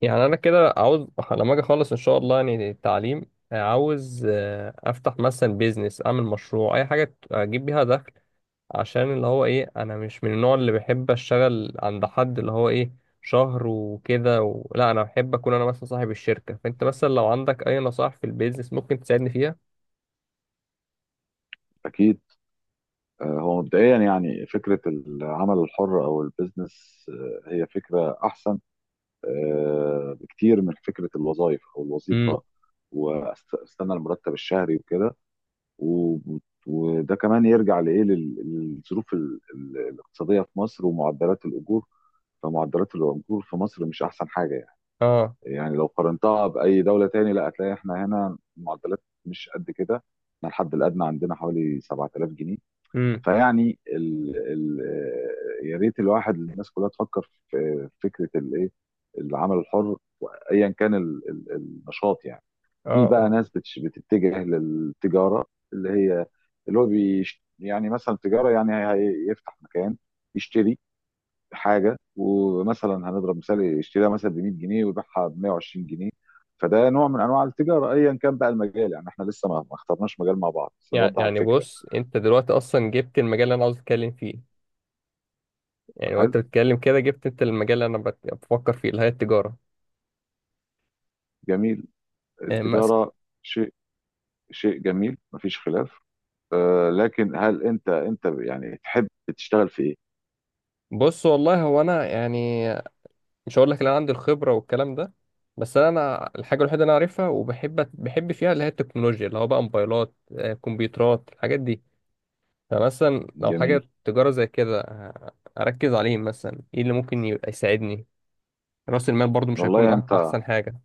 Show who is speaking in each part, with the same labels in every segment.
Speaker 1: يعني انا كده عاوز لما اجي اخلص ان شاء الله يعني التعليم عاوز، افتح مثلا بيزنس، اعمل مشروع، اي حاجه اجيب بيها دخل. عشان اللي هو ايه، انا مش من النوع اللي بحب اشتغل عند حد اللي هو ايه شهر وكده لا، انا بحب اكون انا مثلا صاحب الشركه. فانت مثلا لو عندك اي نصائح في البيزنس ممكن تساعدني فيها؟
Speaker 2: أكيد. هو مبدئيا يعني فكرة العمل الحر أو البيزنس، هي فكرة أحسن بكتير من فكرة الوظائف أو
Speaker 1: امم.
Speaker 2: الوظيفة واستنى المرتب الشهري وكده. و- وده كمان يرجع لإيه للظروف الاقتصادية في مصر ومعدلات الأجور. فمعدلات الأجور في مصر مش أحسن حاجة يعني.
Speaker 1: اه.
Speaker 2: يعني لو قارنتها بأي دولة تاني لا هتلاقي إحنا هنا معدلات مش قد كده. إحنا الحد الأدنى عندنا حوالي 7000 جنيه.
Speaker 1: امم.
Speaker 2: فيعني ال... ال... يا ريت الواحد الناس كلها تفكر في فكره الايه، العمل الحر، ايا كان النشاط يعني. في
Speaker 1: اه.
Speaker 2: بقى
Speaker 1: اه.
Speaker 2: ناس بتتجه للتجاره اللي هي، اللي هو يعني مثلا تجاره يعني هيفتح مكان يشتري حاجه، ومثلا هنضرب مثال يشتريها مثلا ب 100 جنيه ويبيعها ب 120 جنيه. فده نوع من انواع التجاره ايا كان بقى المجال يعني. احنا لسه ما اخترناش مجال مع بعض بس
Speaker 1: يعني
Speaker 2: نوضح
Speaker 1: يعني
Speaker 2: الفكره.
Speaker 1: بص، انت دلوقتي اصلا جبت المجال اللي انا عاوز اتكلم فيه. يعني وانت
Speaker 2: حلو،
Speaker 1: بتتكلم كده جبت انت المجال اللي انا بفكر فيه، اللي هي التجاره.
Speaker 2: جميل،
Speaker 1: إيه.
Speaker 2: التجارة شيء، شيء جميل مفيش خلاف. لكن هل انت يعني تحب تشتغل في ايه؟
Speaker 1: بص، والله هو انا يعني مش هقول لك ان انا عندي الخبره والكلام ده، بس انا الحاجه الوحيده اللي انا عارفها وبحب فيها اللي هي التكنولوجيا، اللي هو بقى موبايلات، كمبيوترات، الحاجات دي. فمثلا لو
Speaker 2: جميل.
Speaker 1: حاجه تجاره زي كده، اركز عليه مثلا، ايه اللي ممكن يبقى يساعدني؟ راس المال برضو مش
Speaker 2: والله
Speaker 1: هيكون
Speaker 2: يعني انت،
Speaker 1: احسن حاجه.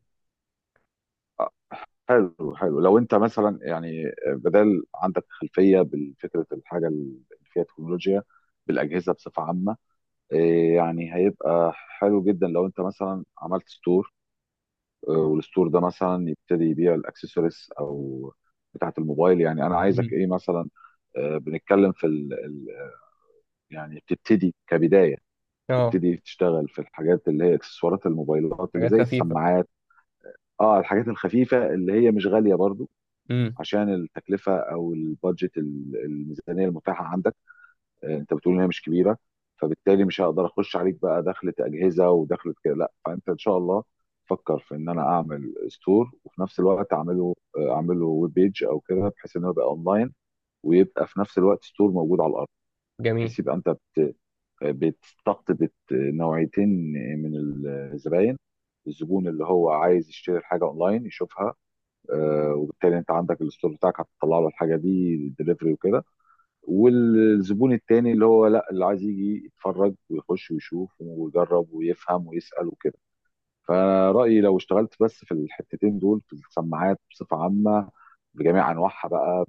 Speaker 2: حلو حلو لو انت مثلا يعني بدل عندك خلفيه بالفكره، الحاجه اللي فيها تكنولوجيا بالاجهزه بصفه عامه، إيه يعني هيبقى حلو جدا لو انت مثلا عملت ستور، والستور ده مثلا يبتدي يبيع الاكسسوارز او بتاعه الموبايل. يعني انا عايزك
Speaker 1: مم.
Speaker 2: ايه مثلا، بنتكلم في يعني تبتدي كبداية،
Speaker 1: اه.
Speaker 2: تبتدي تشتغل في الحاجات اللي هي اكسسوارات الموبايلات اللي
Speaker 1: حاجات
Speaker 2: زي
Speaker 1: خفيفه.
Speaker 2: السماعات. اه الحاجات الخفيفة اللي هي مش غالية برضو
Speaker 1: امم.
Speaker 2: عشان التكلفة او البادجت الميزانية المتاحة عندك. انت بتقول ان هي مش كبيرة، فبالتالي مش هقدر اخش عليك بقى دخلة اجهزة ودخلة كده لا. فانت ان شاء الله فكر في ان انا اعمل ستور، وفي نفس الوقت اعمله اعمله ويب بيج او كده بحيث انه يبقى اونلاين، ويبقى في نفس الوقت ستور موجود على الارض،
Speaker 1: جميل.
Speaker 2: بحيث يبقى انت بتستقطب نوعيتين من الزباين. الزبون اللي هو عايز يشتري الحاجه اونلاين يشوفها، وبالتالي انت عندك الستور بتاعك هتطلع له الحاجه دي دليفري وكده، والزبون التاني اللي هو لا، اللي عايز يجي يتفرج ويخش ويشوف ويجرب ويفهم ويسال وكده. فانا رايي لو اشتغلت بس في الحتتين دول في السماعات بصفه عامه بجميع انواعها بقى،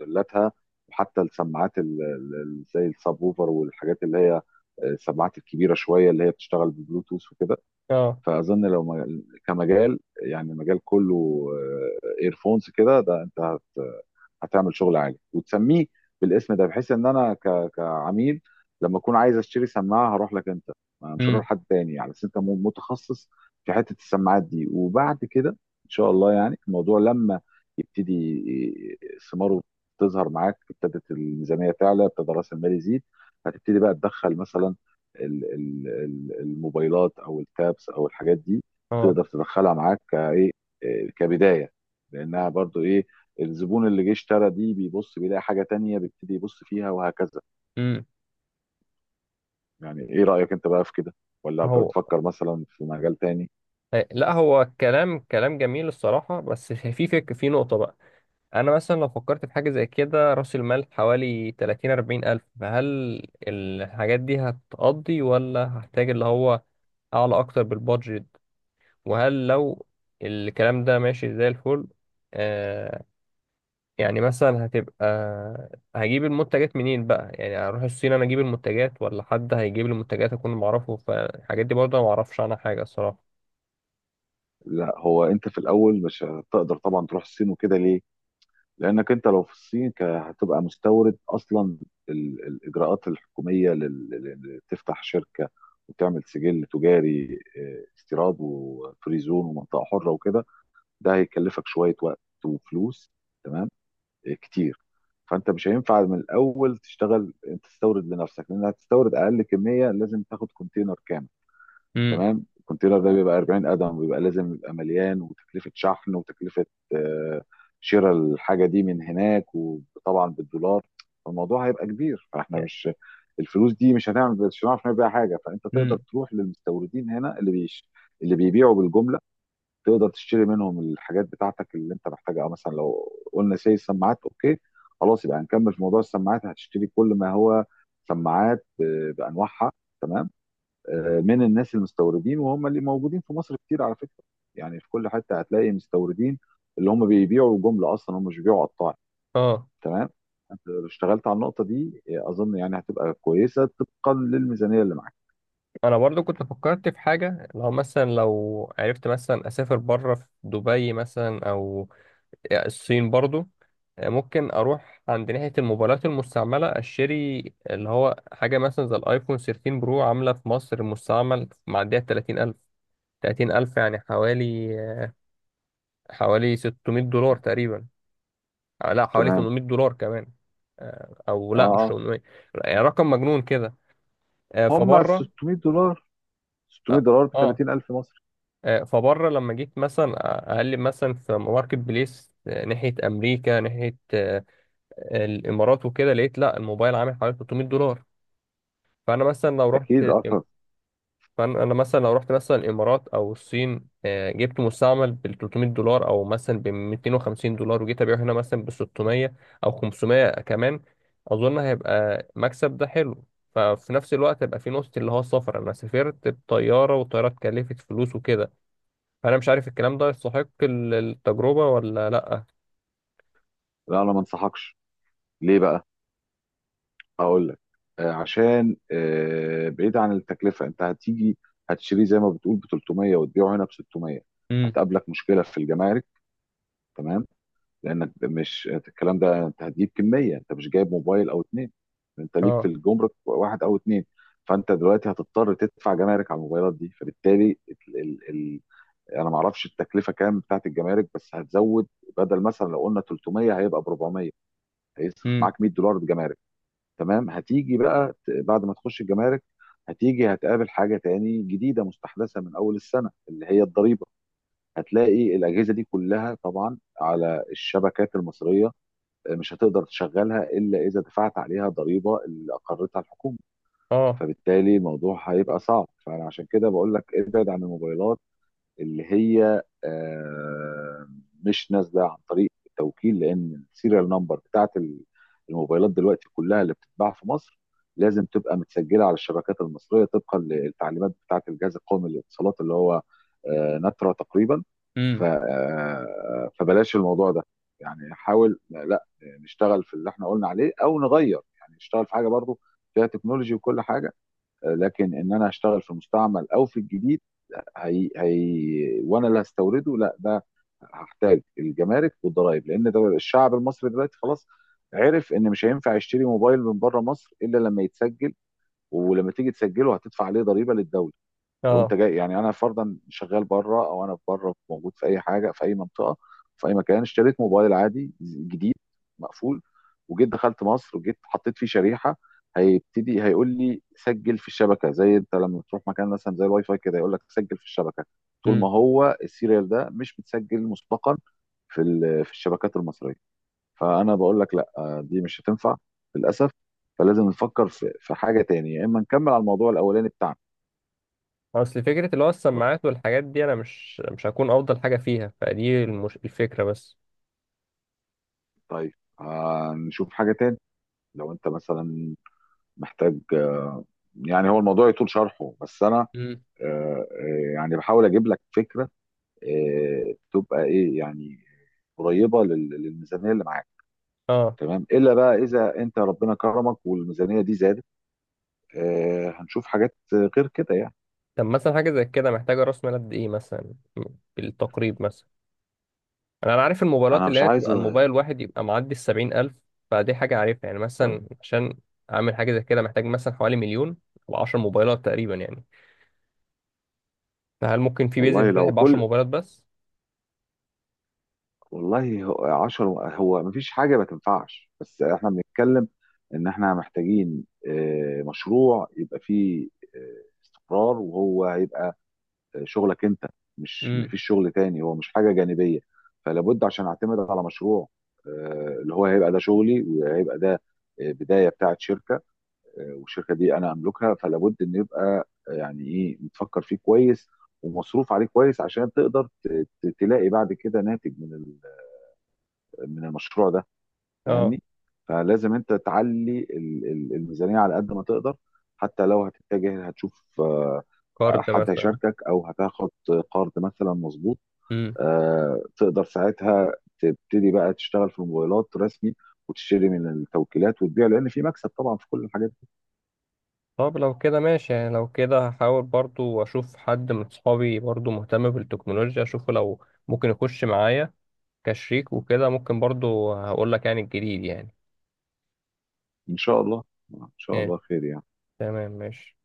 Speaker 2: بموديلاتها، وحتى السماعات زي السبوفر والحاجات اللي هي، السماعات الكبيره شويه اللي هي بتشتغل ببلوتوث وكده.
Speaker 1: اه.
Speaker 2: فاظن لو كمجال يعني، مجال كله ايرفونز كده، ده انت هتعمل شغل عالي وتسميه بالاسم ده، بحيث ان انا كعميل لما اكون عايز اشتري سماعه هروح لك انت، ما مش هروح
Speaker 1: امم.
Speaker 2: لحد تاني يعني، بس انت متخصص في حته السماعات دي. وبعد كده ان شاء الله يعني الموضوع لما يبتدي ي- ثماره تظهر معاك، ابتدت الميزانيه تعلى ابتدى راس المال يزيد، هتبتدي بقى تدخل مثلا الموبايلات او التابس او الحاجات دي،
Speaker 1: اه.
Speaker 2: تقدر تدخلها معاك كايه، إيه، كبدايه، لانها برضو ايه، الزبون اللي جه اشترى دي بيبص بيلاقي حاجة تانية بيبتدي يبص فيها، وهكذا.
Speaker 1: امم.
Speaker 2: يعني ايه رأيك انت بقى في كده؟ ولا
Speaker 1: هو،
Speaker 2: بتفكر مثلا في مجال تاني؟
Speaker 1: لا، هو كلام جميل الصراحه، بس في في نقطه بقى. انا مثلا لو فكرت في حاجه زي كده، راس المال حوالي 30 40 الف، فهل الحاجات دي هتقضي ولا هحتاج اللي هو اعلى اكتر بالبادجت؟ وهل لو الكلام ده ماشي زي الفل؟ آه يعني مثلا هتبقى، هجيب المنتجات منين بقى؟ يعني هروح الصين انا اجيب المنتجات، ولا حد هيجيب لي المنتجات اكون معرفه؟ فالحاجات دي برضه ما اعرفش عنها حاجه الصراحه.
Speaker 2: لا، هو انت في الاول مش هتقدر طبعا تروح الصين وكده، ليه؟ لانك انت لو في الصين هتبقى مستورد اصلا. الاجراءات الحكومية تفتح شركة وتعمل سجل تجاري، اه، استيراد وفري زون ومنطقة حرة وكده، ده هيكلفك شوية وقت وفلوس، تمام، كتير. فانت مش هينفع من الاول تشتغل تستورد لنفسك، لان هتستورد اقل كميه لازم تاخد كونتينر كامل.
Speaker 1: امم.
Speaker 2: تمام، الكونتينر ده بيبقى 40 قدم ويبقى لازم يبقى مليان، وتكلفه شحن وتكلفه، آه، شراء الحاجه دي من هناك وطبعا بالدولار. فالموضوع هيبقى كبير فاحنا
Speaker 1: يعني-
Speaker 2: مش، الفلوس دي مش هنعمل، مش هنعرف نبيع حاجه. فانت تقدر
Speaker 1: امم.
Speaker 2: تروح للمستوردين هنا اللي بيش، اللي بيبيعوا بالجمله، تقدر تشتري منهم الحاجات بتاعتك اللي انت محتاجها. اه مثلا لو قلنا سي السماعات، اوكي خلاص يبقى هنكمل في موضوع السماعات. هتشتري كل ما هو سماعات بانواعها، تمام، من الناس المستوردين وهم اللي موجودين في مصر كتير على فكره. يعني في كل حته هتلاقي مستوردين اللي هم بيبيعوا جمله اصلا، هم مش بيبيعوا قطاعي.
Speaker 1: اه.
Speaker 2: تمام. انت لو اشتغلت على النقطه دي اظن يعني هتبقى كويسه طبقا للميزانيه اللي معاك.
Speaker 1: انا برضو كنت فكرت في حاجه، لو مثلا لو عرفت مثلا اسافر بره، في دبي مثلا او الصين برضو، ممكن اروح عند ناحيه الموبايلات المستعمله اشتري، اللي هو حاجه مثلا زي الايفون 13 برو. عامله في مصر مستعمل معديه 30000. 30000 يعني حوالي، حوالي 600 دولار تقريبا. لا، حوالي
Speaker 2: تمام.
Speaker 1: 800 دولار كمان. او
Speaker 2: اه
Speaker 1: لا، مش
Speaker 2: اه،
Speaker 1: 800، يعني رقم مجنون كده.
Speaker 2: هم
Speaker 1: فبره،
Speaker 2: 600 دولار. 600
Speaker 1: اه.
Speaker 2: دولار ب
Speaker 1: آه.
Speaker 2: 30,000 مصري،
Speaker 1: فبره لما جيت مثلا اقلب مثلا في ماركت بليس، ناحيه امريكا، ناحيه الامارات وكده، لقيت لا، الموبايل عامل حوالي 300 دولار. فانا مثلا لو رحت
Speaker 2: اكيد اه.
Speaker 1: فانا مثلا لو رحت مثلا الامارات او الصين، جبت مستعمل ب 300 دولار، او مثلا ب 250 دولار، وجيت ابيعه هنا مثلا ب 600 او 500 كمان، اظن هيبقى مكسب ده حلو. ففي نفس الوقت هيبقى في نقطة، اللي هو السفر. أنا سافرت بطيارة والطيارة اتكلفت فلوس وكده، فانا مش عارف الكلام ده يستحق التجربه ولا لا.
Speaker 2: لا انا ما انصحكش. ليه بقى؟ هقول لك. آه عشان آه، بعيد عن التكلفه، انت هتيجي هتشتريه زي ما بتقول ب 300 وتبيعه هنا ب 600،
Speaker 1: امم.
Speaker 2: هتقابلك مشكله في الجمارك. تمام. لانك مش الكلام ده، انت هتجيب كميه، انت مش جايب موبايل او اتنين، انت ليك في
Speaker 1: اه.
Speaker 2: الجمرك واحد او اتنين. فانت دلوقتي هتضطر تدفع جمارك على الموبايلات دي. فبالتالي ال ال ال انا ما اعرفش التكلفه كام بتاعت الجمارك بس هتزود، بدل مثلا لو قلنا 300 هيبقى ب 400، هيصرف
Speaker 1: امم.
Speaker 2: معاك 100 دولار جمارك. تمام، هتيجي بقى بعد ما تخش الجمارك، هتيجي هتقابل حاجه تاني جديده مستحدثه من اول السنه اللي هي الضريبه. هتلاقي الاجهزه دي كلها طبعا على الشبكات المصريه، مش هتقدر تشغلها الا اذا دفعت عليها ضريبه اللي اقرتها الحكومه.
Speaker 1: اه.
Speaker 2: فبالتالي الموضوع هيبقى صعب، فانا عشان كده بقول لك ابعد عن الموبايلات اللي هي، مش نازله عن طريق التوكيل، لان السيريال نمبر بتاعت الموبايلات دلوقتي كلها اللي بتتباع في مصر لازم تبقى متسجله على الشبكات المصريه طبقا للتعليمات بتاعت الجهاز القومي للاتصالات اللي هو، نترا تقريبا. ف
Speaker 1: امم.
Speaker 2: آه، فبلاش الموضوع ده يعني. حاول لا نشتغل في اللي احنا قلنا عليه او نغير، يعني نشتغل في حاجه برضو فيها تكنولوجي وكل حاجه، لكن ان انا اشتغل في المستعمل او في الجديد، هي وانا اللي هستورده لا، ده هحتاج الجمارك والضرائب، لان ده الشعب المصري دلوقتي خلاص عرف ان مش هينفع يشتري موبايل من بره مصر الا لما يتسجل، ولما تيجي تسجله هتدفع عليه ضريبه للدوله. لو انت
Speaker 1: اه.
Speaker 2: جاي، يعني انا فرضا شغال بره او انا بره موجود في اي حاجه، في اي منطقه، في اي مكان اشتريت موبايل عادي جديد مقفول، وجيت دخلت مصر وجيت حطيت فيه شريحه، هيبتدي هيقول لي سجل في الشبكه، زي انت لما تروح مكان مثلا زي الواي فاي كده يقول لك سجل في الشبكه، طول ما
Speaker 1: امم.
Speaker 2: هو السيريال ده مش متسجل مسبقا في الشبكات المصريه. فانا بقول لك لا، دي مش هتنفع للاسف. فلازم نفكر في حاجه تانية، يا اما نكمل على الموضوع الاولاني بتاعنا.
Speaker 1: اصل فكره اللي هو السماعات والحاجات دي انا مش هكون افضل حاجه فيها، فدي الفكره بس.
Speaker 2: طيب، هنشوف حاجة تاني. لو انت مثلا محتاج، يعني هو الموضوع يطول شرحه بس انا
Speaker 1: امم.
Speaker 2: يعني بحاول اجيب لك فكرة تبقى ايه يعني، قريبة للميزانية اللي معاك.
Speaker 1: اه.
Speaker 2: تمام، الا بقى اذا انت ربنا كرمك والميزانية دي زادت، هنشوف حاجات غير كده يعني.
Speaker 1: طب مثلا حاجه زي كده محتاجه راس مال قد ايه مثلا، بالتقريب مثلا. انا عارف الموبايلات،
Speaker 2: انا
Speaker 1: اللي
Speaker 2: مش
Speaker 1: هي
Speaker 2: عايز.
Speaker 1: تبقى الموبايل واحد يبقى معدي السبعين الف، فدي حاجه عارفها يعني.
Speaker 2: طيب،
Speaker 1: مثلا عشان اعمل حاجه زي كده محتاج مثلا حوالي مليون، او 10 موبايلات تقريبا يعني. فهل ممكن في
Speaker 2: والله
Speaker 1: بيزنس فاتح
Speaker 2: لو
Speaker 1: ب 10
Speaker 2: كل،
Speaker 1: موبايلات بس؟
Speaker 2: والله هو 10، هو مفيش حاجه ما تنفعش، بس احنا بنتكلم ان احنا محتاجين مشروع يبقى فيه استقرار، وهو هيبقى شغلك انت، مش
Speaker 1: امم.
Speaker 2: مفيش شغل تاني، هو مش حاجه جانبيه. فلابد عشان اعتمد على مشروع اللي هو هيبقى ده شغلي، وهيبقى ده بدايه بتاعت شركه، والشركه دي انا املكها، فلابد ان يبقى يعني ايه متفكر فيه كويس ومصروف عليه كويس عشان تقدر تلاقي بعد كده ناتج من المشروع ده.
Speaker 1: اه.
Speaker 2: فاهمني؟ فلازم انت تعلي الميزانيه على قد ما تقدر، حتى لو هتتجه هتشوف
Speaker 1: كارد
Speaker 2: حد
Speaker 1: مثلا.
Speaker 2: هيشاركك او هتاخد قرض مثلا، مظبوط،
Speaker 1: امم.
Speaker 2: تقدر ساعتها تبتدي بقى تشتغل في الموبايلات رسمي، وتشتري من التوكيلات وتبيع لان في مكسب طبعا في كل الحاجات دي.
Speaker 1: طب لو كده ماشي، يعني لو كده هحاول برضو اشوف حد من صحابي برضو مهتم بالتكنولوجيا، اشوفه لو ممكن يخش معايا كشريك وكده. ممكن برضو هقول لك يعني الجديد يعني.
Speaker 2: ان شاء الله، ان شاء
Speaker 1: ماشي.
Speaker 2: الله خير يعني.
Speaker 1: تمام، ماشي.